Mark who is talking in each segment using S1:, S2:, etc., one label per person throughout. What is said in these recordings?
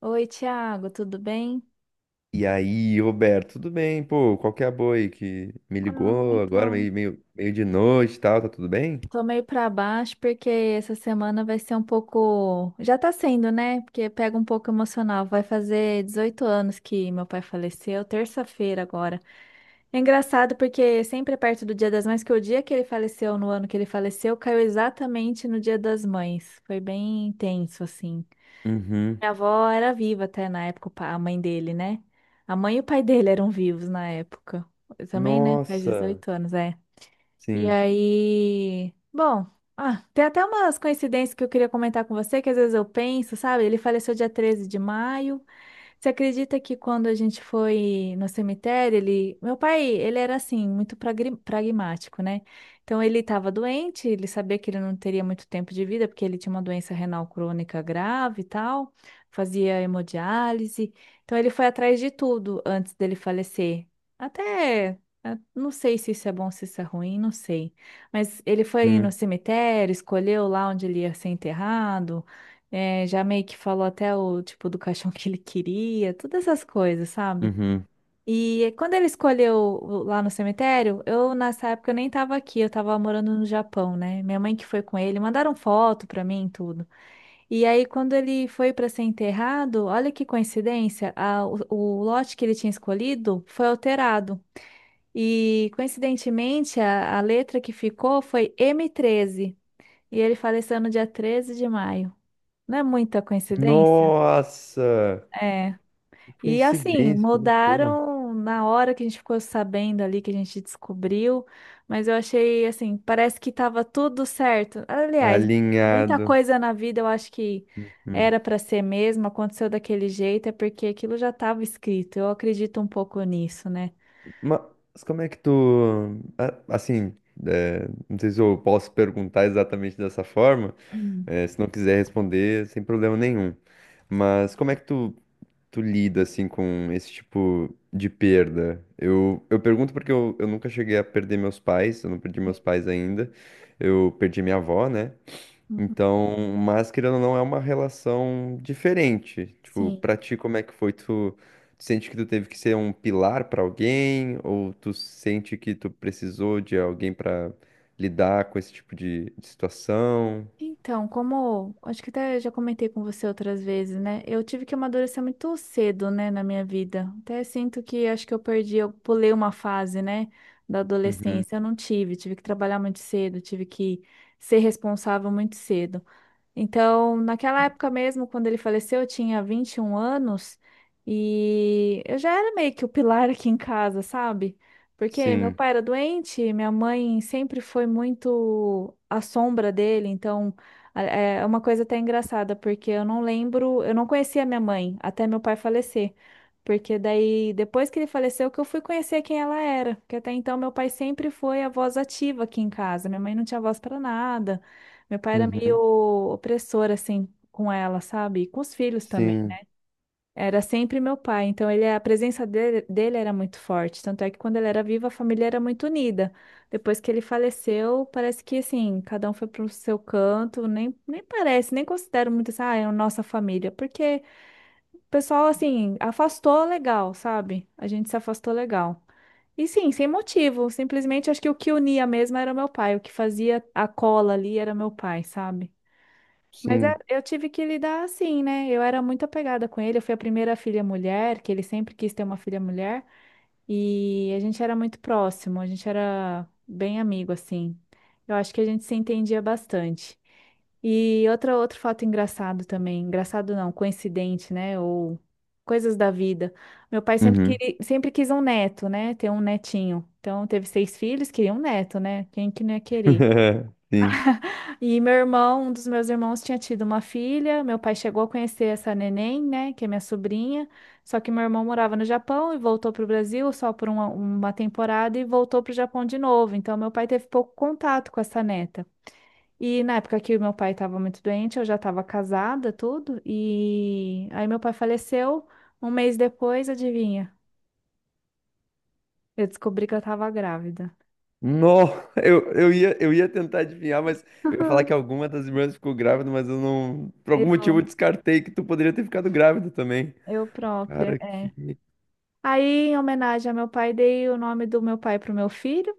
S1: Oi, Thiago, tudo bem?
S2: E aí, Roberto, tudo bem? Pô, qual que é a boa aí que me
S1: Ah,
S2: ligou agora,
S1: então,
S2: meio de noite e tal, tá tudo bem?
S1: tô meio pra baixo porque essa semana vai ser um pouco. Já tá sendo, né? Porque pega um pouco emocional. Vai fazer 18 anos que meu pai faleceu, terça-feira agora. É engraçado porque sempre é perto do Dia das Mães, que o dia que ele faleceu, no ano que ele faleceu, caiu exatamente no Dia das Mães. Foi bem intenso, assim.
S2: Uhum.
S1: Minha avó era viva até na época, a mãe dele, né? A mãe e o pai dele eram vivos na época. Eu também, né? Faz
S2: Nossa,
S1: 18 anos, é. E
S2: sim.
S1: aí, bom, ah, tem até umas coincidências que eu queria comentar com você, que às vezes eu penso, sabe? Ele faleceu dia 13 de maio. Você acredita que quando a gente foi no cemitério, ele, meu pai, ele era assim, muito pragmático, né? Então ele estava doente, ele sabia que ele não teria muito tempo de vida, porque ele tinha uma doença renal crônica grave e tal, fazia hemodiálise. Então ele foi atrás de tudo antes dele falecer. Até, não sei se isso é bom, se isso é ruim, não sei. Mas ele foi no
S2: Uhum.
S1: cemitério, escolheu lá onde ele ia ser enterrado. É, já meio que falou até o tipo do caixão que ele queria, todas essas coisas, sabe?
S2: Uhum.
S1: E quando ele escolheu lá no cemitério, eu nessa época eu nem tava aqui, eu tava morando no Japão, né? Minha mãe que foi com ele, mandaram foto pra mim, e tudo. E aí quando ele foi pra ser enterrado, olha que coincidência, o lote que ele tinha escolhido foi alterado. E coincidentemente a letra que ficou foi M13. E ele faleceu no dia 13 de maio. Não é muita coincidência?
S2: Nossa,
S1: É.
S2: que
S1: E assim,
S2: coincidência, que loucura.
S1: mudaram na hora que a gente ficou sabendo ali, que a gente descobriu, mas eu achei assim, parece que estava tudo certo. Aliás, muita
S2: Alinhado.
S1: coisa na vida eu acho que
S2: Hum.
S1: era para ser mesmo, aconteceu daquele jeito, é porque aquilo já estava escrito. Eu acredito um pouco nisso, né?
S2: Mas como é que tu. A- Assim, é, não sei se eu posso perguntar exatamente dessa forma,
S1: Hum,
S2: é, se não quiser responder, sem problema nenhum. Mas como é que tu lida assim com esse tipo de perda? Eu pergunto porque eu nunca cheguei a perder meus pais, eu não perdi
S1: sim.
S2: meus pais ainda. Eu perdi minha avó, né?
S1: Uhum.
S2: Então, mas querendo ou não, é uma relação diferente. Tipo,
S1: Sim.
S2: pra ti, como é que foi? Tu, tu sente que tu teve que ser um pilar pra alguém? Ou tu sente que tu precisou de alguém pra lidar com esse tipo de situação?
S1: Então, como acho que até já comentei com você outras vezes, né? Eu tive que amadurecer muito cedo, né, na minha vida. Até sinto que acho que eu perdi, eu pulei uma fase, né, da
S2: Uhum.
S1: adolescência. Eu não tive, tive que trabalhar muito cedo, tive que ser responsável muito cedo. Então, naquela época mesmo, quando ele faleceu, eu tinha 21 anos e eu já era meio que o pilar aqui em casa, sabe? Porque meu
S2: Sim.
S1: pai era doente, minha mãe sempre foi muito a sombra dele, então é uma coisa até engraçada, porque eu não lembro, eu não conhecia minha mãe até meu pai falecer. Porque daí, depois que ele faleceu, que eu fui conhecer quem ela era. Porque até então meu pai sempre foi a voz ativa aqui em casa. Minha mãe não tinha voz para nada. Meu pai era meio
S2: Uhum.
S1: opressor, assim, com ela, sabe? E com os filhos também.
S2: Sim.
S1: Era sempre meu pai, então ele, a presença dele era muito forte. Tanto é que quando ele era vivo, a família era muito unida. Depois que ele faleceu, parece que, assim, cada um foi pro seu canto. Nem parece, nem considero muito assim, ah, é a nossa família. Porque o pessoal, assim, afastou legal, sabe? A gente se afastou legal. E sim, sem motivo. Simplesmente acho que o que unia mesmo era meu pai. O que fazia a cola ali era meu pai, sabe? Mas
S2: Sim.
S1: eu tive que lidar assim, né? Eu era muito apegada com ele. Eu fui a primeira filha mulher, que ele sempre quis ter uma filha mulher. E a gente era muito próximo, a gente era bem amigo, assim. Eu acho que a gente se entendia bastante. E outra, outro fato engraçado também. Engraçado não, coincidente, né? Ou coisas da vida. Meu pai sempre,
S2: Uhum.
S1: queria, sempre quis um neto, né? Ter um netinho. Então teve seis filhos, queria um neto, né? Quem que não ia querer?
S2: Sim.
S1: E meu irmão, um dos meus irmãos tinha tido uma filha. Meu pai chegou a conhecer essa neném, né, que é minha sobrinha. Só que meu irmão morava no Japão e voltou para o Brasil só por uma temporada e voltou para o Japão de novo. Então meu pai teve pouco contato com essa neta. E na época que o meu pai estava muito doente, eu já estava casada, tudo. E aí meu pai faleceu. Um mês depois, adivinha? Eu descobri que eu estava grávida.
S2: Não, eu ia tentar adivinhar, mas eu ia falar que alguma das irmãs ficou grávida, mas eu não. Por algum motivo eu
S1: Eu,
S2: descartei que tu poderia ter ficado grávida também.
S1: eu própria.
S2: Cara,
S1: É.
S2: que.
S1: Aí, em homenagem ao meu pai, dei o nome do meu pai para o meu filho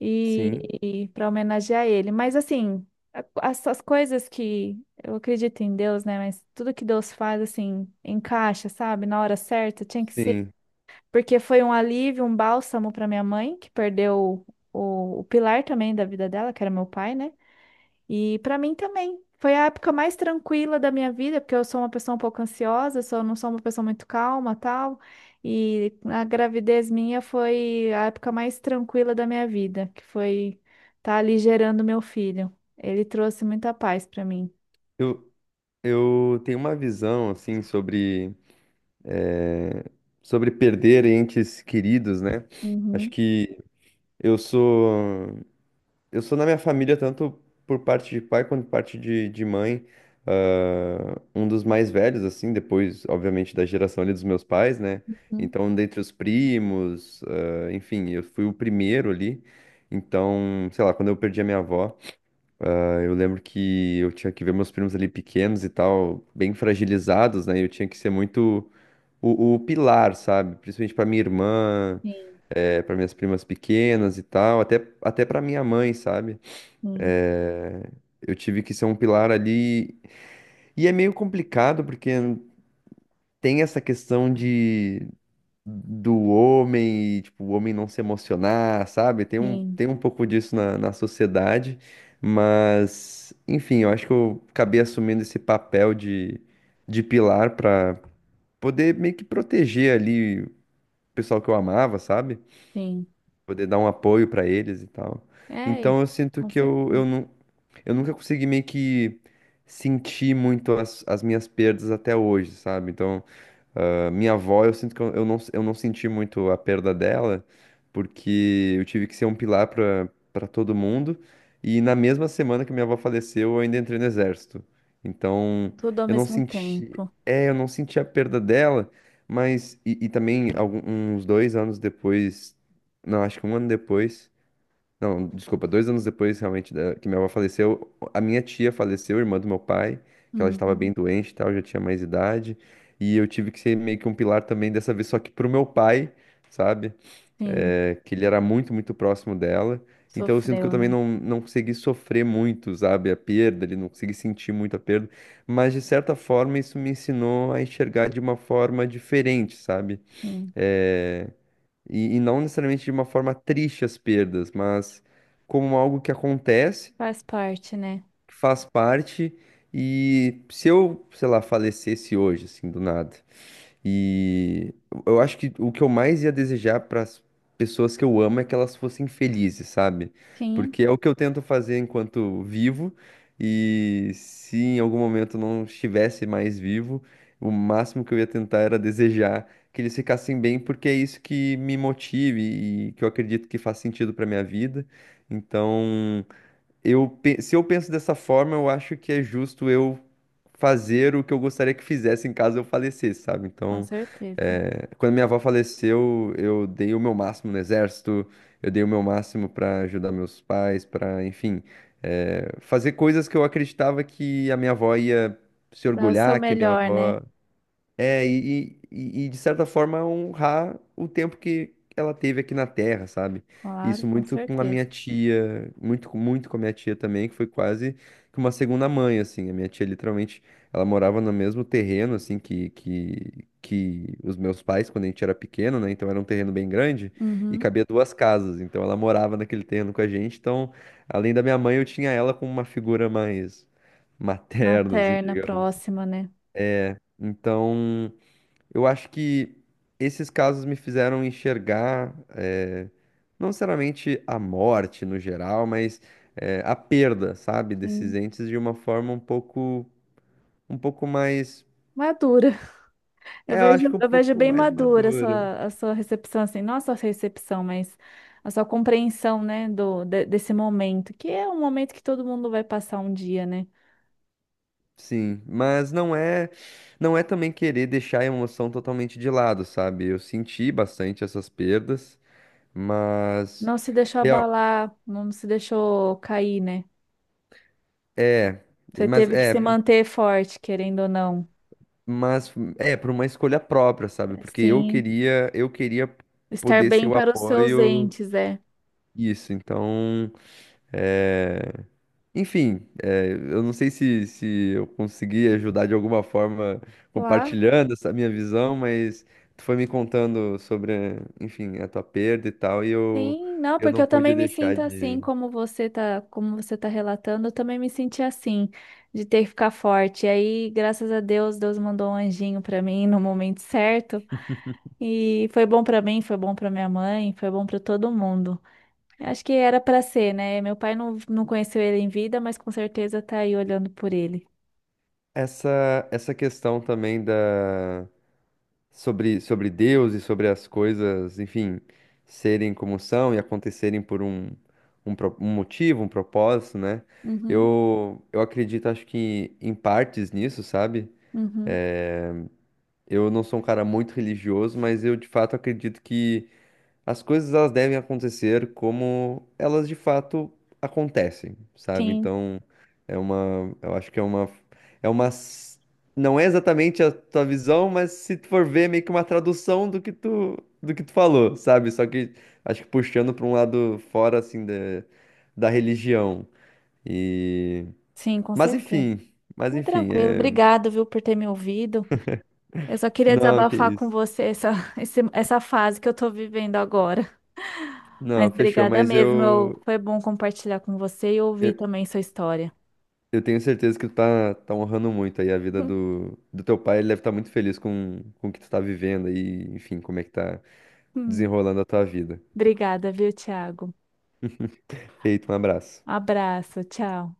S1: e,
S2: Sim,
S1: e para homenagear ele. Mas assim, as coisas que eu acredito em Deus, né? Mas tudo que Deus faz, assim, encaixa, sabe? Na hora certa, tinha que ser.
S2: sim.
S1: Porque foi um alívio, um bálsamo para minha mãe, que perdeu o pilar também da vida dela, que era meu pai, né? E para mim também. Foi a época mais tranquila da minha vida, porque eu sou uma pessoa um pouco ansiosa, sou, não sou uma pessoa muito calma, tal. E a gravidez minha foi a época mais tranquila da minha vida, que foi estar ali gerando meu filho. Ele trouxe muita paz para mim.
S2: Eu, eu tenho uma visão, assim, sobre. eh, sobre perder entes queridos, né? Acho
S1: Uhum,
S2: que eu sou. Eu sou na minha família, tanto por parte de pai quanto por parte de mãe, um dos mais velhos, assim, depois, obviamente, da geração ali dos meus pais, né?
S1: uhum.
S2: Então, dentre os primos, enfim, eu fui o primeiro ali. Então, sei lá, quando eu perdi a minha avó, eu lembro que eu tinha que ver meus primos ali pequenos e tal, bem fragilizados, né? Eu tinha que ser muito o pilar, sabe? Principalmente pra minha irmã,
S1: Sim,
S2: para minhas primas pequenas e tal, até, até para minha mãe, sabe?
S1: sim,
S2: É, eu tive que ser um pilar ali. E é meio complicado, porque tem essa questão de do homem e tipo, o homem não se emocionar, sabe?
S1: sim,
S2: Tem um pouco disso na, na sociedade, mas enfim, eu acho que eu acabei assumindo esse papel de pilar para poder meio que proteger ali o pessoal que eu amava, sabe?
S1: sim.
S2: Poder dar um apoio para eles e tal.
S1: É,
S2: Então eu sinto
S1: com
S2: que
S1: certeza.
S2: eu nunca consegui meio que sentir muito as, as minhas perdas até hoje, sabe? Então, ah, minha avó, eu sinto que eu não senti muito a perda dela, porque eu tive que ser um pilar para para todo mundo. E na mesma semana que minha avó faleceu, eu ainda entrei no exército. Então,
S1: Tudo ao
S2: eu não
S1: mesmo
S2: senti,
S1: tempo.
S2: é, eu não senti a perda dela, mas e também algum, uns dois anos depois, não, acho que um ano depois. Não, desculpa, dois anos depois que minha avó faleceu, a minha tia faleceu, irmã do meu pai, que ela já estava bem
S1: Uhum,
S2: doente e tal, já tinha mais idade, e eu tive que ser meio que um pilar também dessa vez, só que pro meu pai, sabe?
S1: sim,
S2: É, que ele era muito, muito próximo dela, então eu sinto que eu
S1: sofreu,
S2: também
S1: né?
S2: não, não consegui sofrer muito, sabe? A perda, ele não consegui sentir muito a perda, mas de certa forma isso me ensinou a enxergar de uma forma diferente, sabe?
S1: Sim,
S2: Eh, e não necessariamente de uma forma triste as perdas, mas como algo que acontece,
S1: faz parte, né?
S2: que faz parte, e se eu, sei lá, falecesse hoje, assim, do nada. E eu acho que o que eu mais ia desejar para as pessoas que eu amo é que elas fossem felizes, sabe?
S1: Sim,
S2: Porque é o que eu tento fazer enquanto vivo, e se em algum momento não estivesse mais vivo, o máximo que eu ia tentar era desejar que eles ficassem bem, porque é isso que me motive e que eu acredito que faz sentido para minha vida. Então, se eu penso dessa forma, eu acho que é justo eu fazer o que eu gostaria que fizesse em caso eu falecesse, sabe?
S1: com
S2: Então,
S1: certeza.
S2: quando minha avó faleceu, eu dei o meu máximo no exército, eu dei o meu máximo para ajudar meus pais, para enfim, fazer coisas que eu acreditava que a minha avó ia se
S1: Dá o seu
S2: orgulhar, que a minha
S1: melhor, né?
S2: avó é, e de certa forma honrar o tempo que ela teve aqui na Terra, sabe?
S1: Claro,
S2: Isso
S1: com
S2: muito com a minha
S1: certeza.
S2: tia, muito com a minha tia também, que foi quase que uma segunda mãe, assim. A minha tia, literalmente, ela morava no mesmo terreno, assim, que os meus pais, quando a gente era pequeno, né? Então era um terreno bem grande e
S1: Uhum.
S2: cabia duas casas. Então ela morava naquele terreno com a gente. Então, além da minha mãe, eu tinha ela como uma figura mais materna, assim,
S1: Materna,
S2: digamos.
S1: próxima, né?
S2: Então. Eu acho que esses casos me fizeram enxergar, não necessariamente a morte no geral, mas a perda, sabe, desses
S1: Sim.
S2: entes de uma forma um pouco, um pouco mais,
S1: Madura. Eu
S2: é, eu
S1: vejo,
S2: acho que um
S1: eu vejo
S2: pouco
S1: bem
S2: mais
S1: madura a
S2: madura.
S1: sua recepção, assim, não a sua recepção, mas a sua compreensão, né, desse momento, que é um momento que todo mundo vai passar um dia, né?
S2: Sim, mas não é também querer deixar a emoção totalmente de lado, sabe? Eu senti bastante essas perdas, mas
S1: Não se deixou
S2: real-
S1: abalar, não se deixou cair, né?
S2: é,
S1: Você
S2: mas
S1: teve que se
S2: é,
S1: manter forte, querendo ou não.
S2: Mas é por uma escolha própria, sabe?
S1: É,
S2: Porque
S1: sim,
S2: eu queria
S1: estar
S2: poder ser
S1: bem
S2: o
S1: para os seus
S2: apoio
S1: entes, é.
S2: isso. Então, é... enfim, é, eu não sei se, se eu consegui ajudar de alguma forma
S1: Claro.
S2: compartilhando essa minha visão, mas tu foi me contando sobre, enfim, a tua perda e tal, e
S1: Sim, não,
S2: eu
S1: porque
S2: não
S1: eu também
S2: pude
S1: me
S2: deixar
S1: sinto assim,
S2: de
S1: como você tá relatando, eu também me senti assim, de ter que ficar forte. E aí, graças a Deus, Deus mandou um anjinho pra mim no momento certo, e foi bom pra mim, foi bom pra minha mãe, foi bom pra todo mundo. Eu acho que era pra ser, né? Meu pai não, não conheceu ele em vida, mas com certeza tá aí olhando por ele.
S2: essa questão também da sobre, sobre Deus e sobre as coisas, enfim, serem como são e acontecerem por um motivo, um propósito, né?
S1: Uhum,
S2: Eu acredito, acho que em partes nisso, sabe?
S1: uhum.
S2: Eu não sou um cara muito religioso, mas eu de fato acredito que as coisas elas devem acontecer como elas de fato acontecem, sabe?
S1: Sim,
S2: Então, é uma, eu acho que é uma, s- não é exatamente a tua visão, mas se tu for ver, é meio que uma tradução do que tu falou, sabe? Só que acho que puxando para um lado fora assim da, da religião. E,
S1: sim, com
S2: mas
S1: certeza.
S2: enfim, mas
S1: Mas
S2: enfim,
S1: tranquilo,
S2: é,
S1: obrigado, viu, por ter me ouvido. Eu só queria
S2: não, que
S1: desabafar com
S2: isso.
S1: você essa, essa fase que eu tô vivendo agora. Mas
S2: Não, fechou,
S1: obrigada
S2: mas
S1: mesmo, foi bom compartilhar com você e ouvir
S2: eu
S1: também sua história.
S2: eu tenho certeza que tu tá, tá honrando muito aí a vida do, do teu pai. Ele deve estar muito feliz com o que tu tá vivendo aí, enfim, como é que tá
S1: Hum,
S2: desenrolando a tua vida.
S1: obrigada, viu, Thiago?
S2: Feito, um abraço.
S1: Abraço, tchau.